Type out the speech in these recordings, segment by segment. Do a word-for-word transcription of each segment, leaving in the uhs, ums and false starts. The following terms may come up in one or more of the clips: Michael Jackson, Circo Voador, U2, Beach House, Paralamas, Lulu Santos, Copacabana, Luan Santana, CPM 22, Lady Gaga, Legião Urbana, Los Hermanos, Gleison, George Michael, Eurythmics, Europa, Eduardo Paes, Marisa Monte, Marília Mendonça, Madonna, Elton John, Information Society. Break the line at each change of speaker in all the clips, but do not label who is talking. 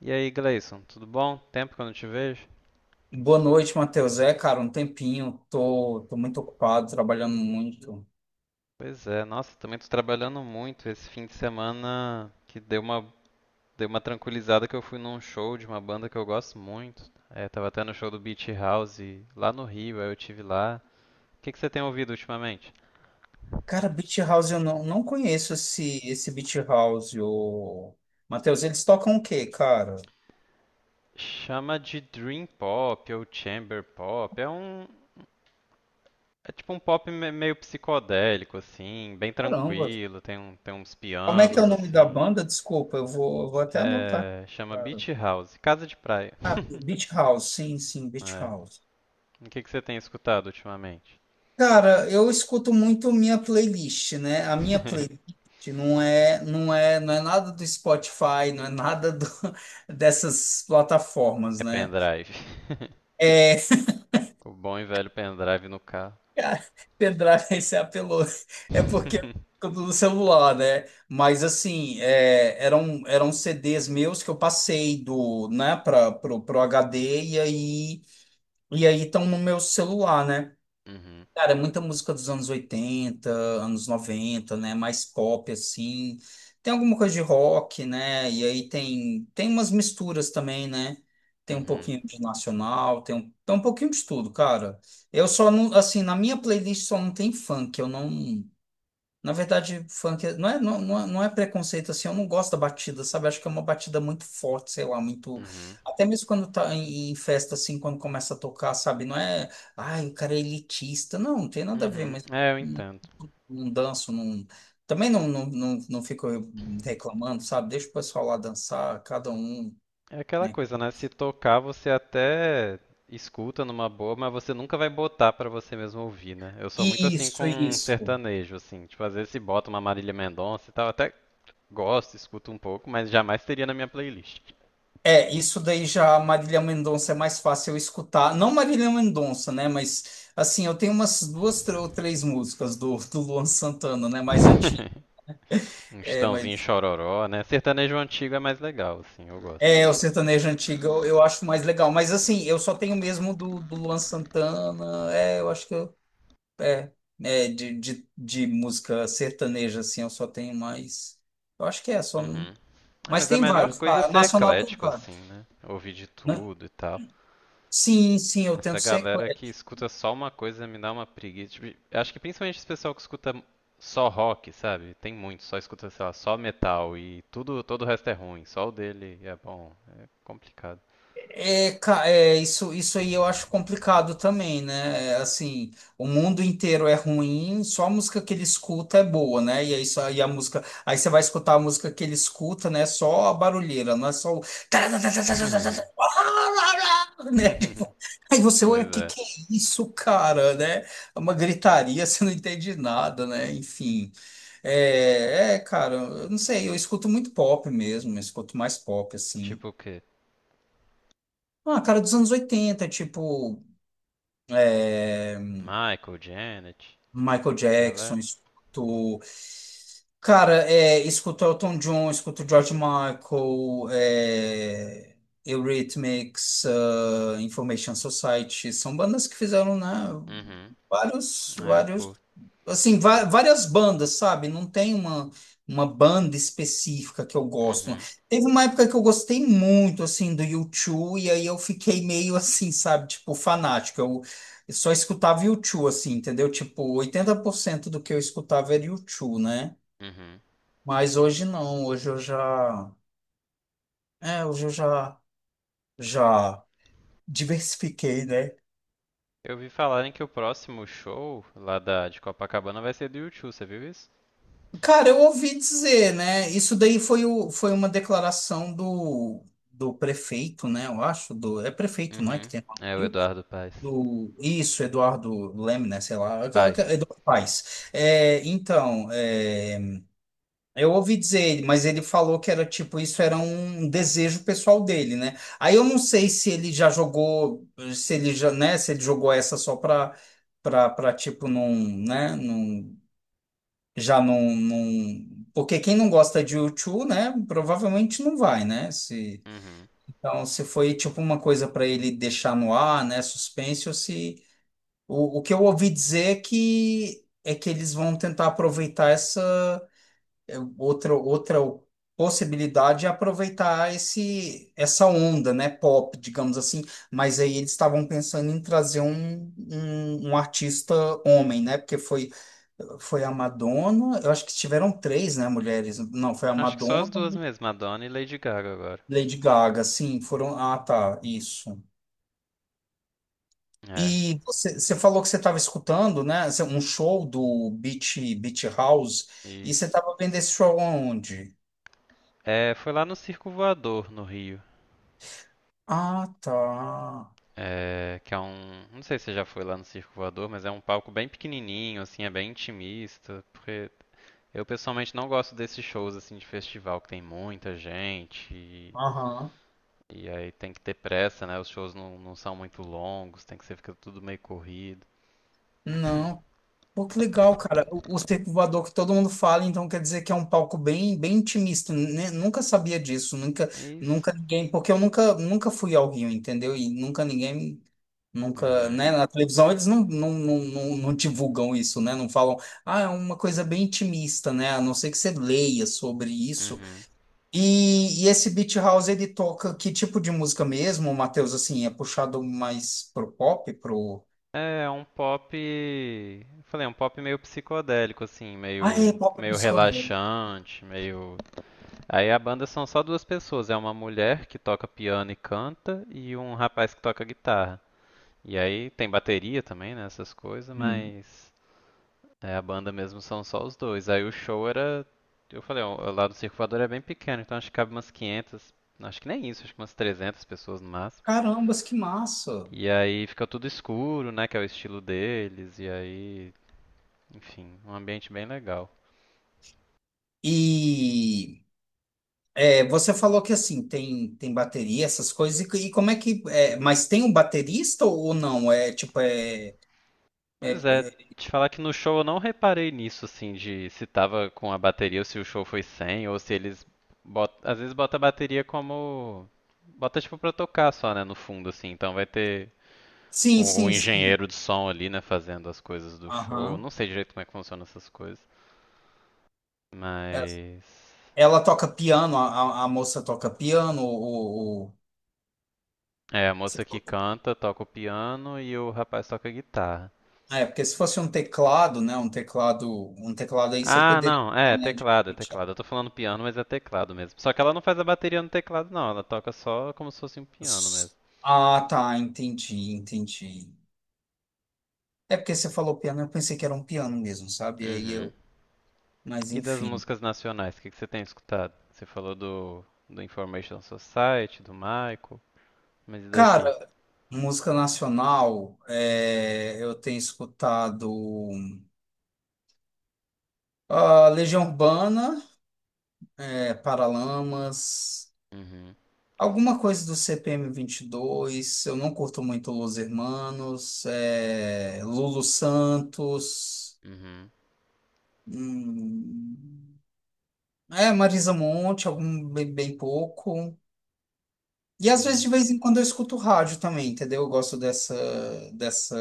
E aí, Gleison, tudo bom? Tempo que eu não te vejo?
Boa noite, Matheus. É, cara, um tempinho. Tô, tô muito ocupado, trabalhando muito.
Pois é, nossa, também tô trabalhando muito esse fim de semana que deu uma, deu uma tranquilizada que eu fui num show de uma banda que eu gosto muito. É, tava até no show do Beach House lá no Rio, aí eu tive lá. O que que você tem ouvido ultimamente?
Cara, Beach House, eu não, não conheço esse, esse Beach House. O... Matheus, eles tocam o quê, cara?
Chama de Dream Pop ou Chamber Pop. É um, é tipo um pop me- meio psicodélico assim, bem
Caramba.
tranquilo, tem um, tem uns
Como é que é o
pianos
nome da
assim.
banda? Desculpa, eu vou, eu vou até anotar,
É, chama
cara.
Beach House, Casa de Praia.
Ah, Beach House, sim, sim, Beach House.
O que, que você tem escutado ultimamente?
Cara, eu escuto muito minha playlist, né? A minha playlist não é, não é, não é nada do Spotify, não é nada do- dessas plataformas,
É
né?
pendrive.
É,
O bom e velho pendrive no carro.
cara, pendrive você apelou. É porque eu tô no celular, né? Mas assim, é, eram, eram C Ds meus que eu passei do, né, para pro, pro H D e aí e aí estão no meu celular, né?
Uhum,
Cara, é muita música dos anos oitenta anos noventa, né? Mais pop, assim. Tem alguma coisa de rock, né? E aí tem, tem umas misturas também, né? Tem um
uhum,
pouquinho de nacional, tem um, tem um pouquinho de tudo, cara. Eu só não, assim, na minha playlist só não tem funk, eu não. Na verdade, funk é, não é, não, não é, não é preconceito, assim, eu não gosto da batida, sabe? Acho que é uma batida muito forte, sei lá, muito.
uhum,
Até mesmo quando tá em, em festa, assim, quando começa a tocar, sabe? Não é, ai, o cara é elitista. Não, não tem nada a ver,
uhum.
mas
É, eu
não,
entendo.
não danço, não. Também não, não, não, não fico reclamando, sabe? Deixa o pessoal lá dançar, cada um,
É aquela
né?
coisa, né? Se tocar, você até escuta numa boa, mas você nunca vai botar pra você mesmo ouvir, né? Eu sou muito assim
Isso,
com
isso.
sertanejo, assim. Tipo, às vezes se bota uma Marília Mendonça e tal, até gosto, escuto um pouco, mas jamais teria na minha playlist.
É, isso daí já a Marília Mendonça é mais fácil eu escutar. Não Marília Mendonça, né? Mas assim, eu tenho umas duas tr- ou três músicas do, do Luan Santana, né? Mais antiga.
Um
É,
Estãozinho
mas
chororó, né? Sertanejo antigo é mais legal, assim, eu gosto.
é o sertanejo antigo eu, eu acho mais legal. Mas assim, eu só tenho mesmo do, do Luan Santana. É, eu acho que eu, é, é de, de, de música sertaneja, assim, eu só tenho mais. Eu acho que é só. não-
Uhum. Ah,
Mas
mas a
tem
melhor
vários,
coisa é
tá?
ser
Nacional tem
eclético, assim,
vários,
né? Ouvir de
né?
tudo e tal.
Sim, sim, eu
Essa
tento ser.
galera que escuta só uma coisa me dá uma preguiça. Tipo, eu acho que principalmente esse pessoal que escuta só rock, sabe? Tem muito, só escuta, sei lá, só metal e tudo, todo o resto é ruim. Só o dele é bom. É complicado.
É, ca- é, isso, isso aí eu acho complicado também, né? É, assim, o mundo inteiro é ruim, só a música que ele escuta é boa, né? E aí, só, e a música, aí você vai escutar a música que ele escuta, né? Só a barulheira, não é só o. Né? Tipo, aí você, ué,
Pois
que
é.
que é isso, cara, né? É uma gritaria, você não entende nada, né? Enfim, é, é, cara, eu não sei, eu escuto muito pop mesmo, eu escuto mais pop, assim.
Tipo o quê?
Ah, cara, dos anos oitenta, tipo, é,
Michael, Janet,
Michael
essa
Jackson,
galera.
escuto. Cara, é, escuto Elton John, escuto George Michael, é, Eurythmics, ah, Information Society. São bandas que fizeram, né,
Uhum.
vários,
É, eu
vários
curto.
assim, va- várias bandas, sabe? Não tem uma, uma banda específica que eu gosto.
Uhum,
Teve uma época que eu gostei muito, assim, do U dois, e aí eu fiquei meio assim, sabe? Tipo, fanático. Eu, eu só escutava U dois, assim, entendeu? Tipo, oitenta por cento do que eu escutava era U dois, né?
uhum.
Mas hoje não, hoje eu já... É, hoje eu já, já diversifiquei, né?
Eu vi falarem que o próximo show lá da, de Copacabana vai ser do U dois, você viu isso?
Cara, eu ouvi dizer, né? Isso daí foi, o, foi uma declaração do, do prefeito, né? Eu acho, do, é prefeito, não é que
Uhum.
tem lá no
É o
Rio?
Eduardo Paes.
Do Isso, Eduardo Leme, né? Sei lá, é, é, é
Paes.
Eduardo Paes. É, então, é, eu ouvi dizer, mas ele falou que era tipo, isso era um desejo pessoal dele, né? Aí eu não sei se ele já jogou, se ele já, né? Se ele jogou essa só pra, pra, pra, tipo, num, né? Já não, não... Porque quem não gosta de U dois, né, provavelmente não vai, né? Se...
Uhum.
Então, se foi tipo uma coisa para ele deixar no ar, né, suspense, ou se... O, o que eu ouvi dizer é que, é que eles vão tentar aproveitar essa, é, outra, outra possibilidade é aproveitar esse, essa onda, né, pop, digamos assim. Mas aí eles estavam pensando em trazer um, um, um artista homem, né? Porque foi, foi a Madonna, eu acho que tiveram três, né, mulheres. Não, foi a
Acho que só as
Madonna,
duas mesmo, Madonna e Lady Gaga agora.
Lady Gaga, sim, foram. Ah, tá, isso.
É,
E você, você falou que você estava escutando, né, um show do Beach, Beach House, e você
isso.
estava vendo esse show aonde?
É, foi lá no Circo Voador, no Rio.
Ah, tá.
É, que é um. Não sei se você já foi lá no Circo Voador, mas é um palco bem pequenininho, assim, é bem intimista. Porque eu pessoalmente não gosto desses shows, assim, de festival que tem muita gente.
Aham.
E aí tem que ter pressa, né? Os shows não, não são muito longos, tem que ser fica tudo meio corrido.
Não. Pô, que legal, cara. O, o Circo Voador que todo mundo fala, então quer dizer que é um palco bem, bem intimista, né? Nunca sabia disso, nunca,
É isso.
nunca ninguém, porque eu nunca, nunca fui ao Rio, entendeu? E nunca ninguém, nunca,
Uhum.
né? Na televisão eles não, não, não, não, não divulgam isso, né? Não falam, ah, é uma coisa bem intimista, né? A não ser que você leia sobre isso.
Uhum.
E, e esse Beat House, ele toca que tipo de música mesmo, Matheus? Assim, é puxado mais pro pop, pro.
É, é um pop, eu falei, é um pop meio psicodélico assim,
Ah, é
meio
pop
meio
psicodélico.
relaxante, meio. Aí a banda são só duas pessoas, é uma mulher que toca piano e canta e um rapaz que toca guitarra. E aí tem bateria também, né, essas coisas,
Hum.
mas. É, a banda mesmo são só os dois. Aí o show era. Eu falei, ó, lá do Circulador é bem pequeno, então acho que cabe umas quinhentas. Acho que nem isso, acho que umas trezentas pessoas no máximo.
Carambas, que massa!
E aí fica tudo escuro, né? Que é o estilo deles. E aí. Enfim, um ambiente bem legal.
E é, você falou que assim tem tem bateria, essas coisas, e, e como é que é, mas tem um baterista ou não? É tipo é,
Pois
é-
é, te falar que no show eu não reparei nisso, assim, de se tava com a bateria ou se o show foi sem, ou se eles. bot- Às vezes bota a bateria como. Bota tipo pra tocar só, né? No fundo, assim. Então vai ter
sim,
o, o
sim, sim.
engenheiro de som ali, né, fazendo as coisas do show.
Aham.
Não sei direito como é que funcionam essas coisas.
É,
Mas.
Ela toca piano, a, a a moça toca piano, o ou-
É, a
se
moça que
for-
canta, toca o piano e o rapaz toca a guitarra.
é, porque se fosse um teclado, né? Um teclado, um teclado aí você
Ah,
poderia,
não, é, é
né? de-
teclado, é
de-
teclado. Eu tô falando piano, mas é teclado mesmo. Só que ela não faz a bateria no teclado, não. Ela toca só como se fosse um piano mesmo.
Ah, tá, entendi, entendi. É porque você falou piano, eu pensei que era um piano mesmo, sabe? Aí
Uhum.
eu, mas
E das
enfim.
músicas nacionais, o que que você tem escutado? Você falou do, do Information Society, do Michael, mas e daqui?
Cara, música nacional, é, eu tenho escutado, ah, Legião Urbana, é, Paralamas,
Uhum,
alguma coisa do C P M vinte e dois. Eu não curto muito Los Hermanos, é, Lulu Santos,
uhum,
hum, é Marisa Monte, algum bem, bem pouco. E às vezes,
é.
de vez em quando, eu escuto rádio também, entendeu? Eu gosto dessa, dessa,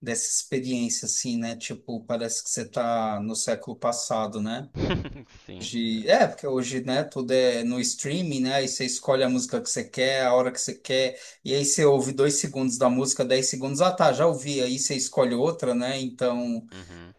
dessa experiência, assim, né? Tipo, parece que você tá no século passado, né?
Sim,
De, é, porque hoje, né, tudo é no streaming, né? Aí você escolhe a música que você quer, a hora que você quer, e aí você ouve dois segundos da música, dez segundos, ah, tá, já ouvi, aí você escolhe outra, né? Então,
uhum.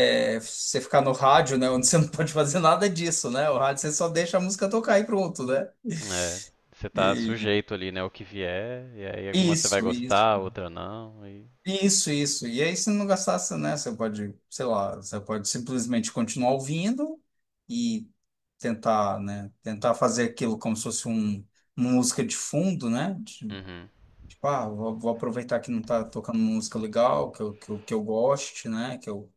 é, você ficar no rádio, né, onde você não pode fazer nada disso, né? O rádio você só deixa a música tocar e pronto, né?
É, você tá
E,
sujeito ali, né, o que vier, e aí alguma você vai
isso, isso.
gostar, outra não, e...
Isso, isso. E aí, se não gastasse, né? Você pode, sei lá, você pode simplesmente continuar ouvindo e tentar, né? Tentar fazer aquilo como se fosse um, uma música de fundo, né? de-
Uhum,
Tipo, ah, vou, vou aproveitar que não tá tocando música legal, que eu, que eu, que eu goste, né? Que eu,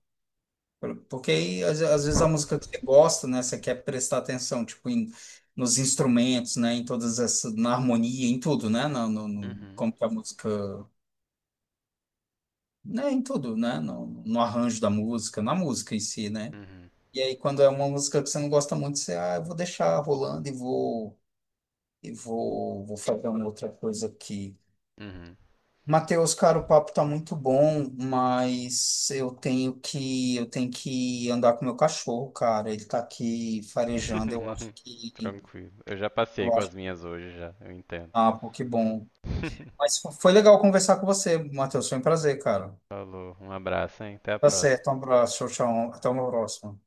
Porque aí, às, às vezes, a música que você gosta, né? Você quer prestar atenção, tipo, em, nos instrumentos, né? Em todas essas, na harmonia, em tudo, né? No, no, no-
uhum,
como que a música. Né, em tudo, né? No, no arranjo da música, na música em si, né?
uhum,
E aí, quando é uma música que você não gosta muito, você, ah, eu vou deixar rolando e vou, e vou, vou fazer uma outra coisa aqui.
uhum.
Matheus, cara, o papo tá muito bom, mas eu tenho que, eu tenho que andar com o meu cachorro, cara. Ele tá aqui farejando, eu acho que,
Tranquilo. Eu já passei
eu
com
acho,
as minhas hoje já, eu entendo.
ah, pô, que bom. Mas fo- foi legal conversar com você, Matheus, foi um prazer, cara.
Falou, um abraço, hein? Até a
Tá
próxima.
certo, um abraço, tchau, tchau, até uma próxima.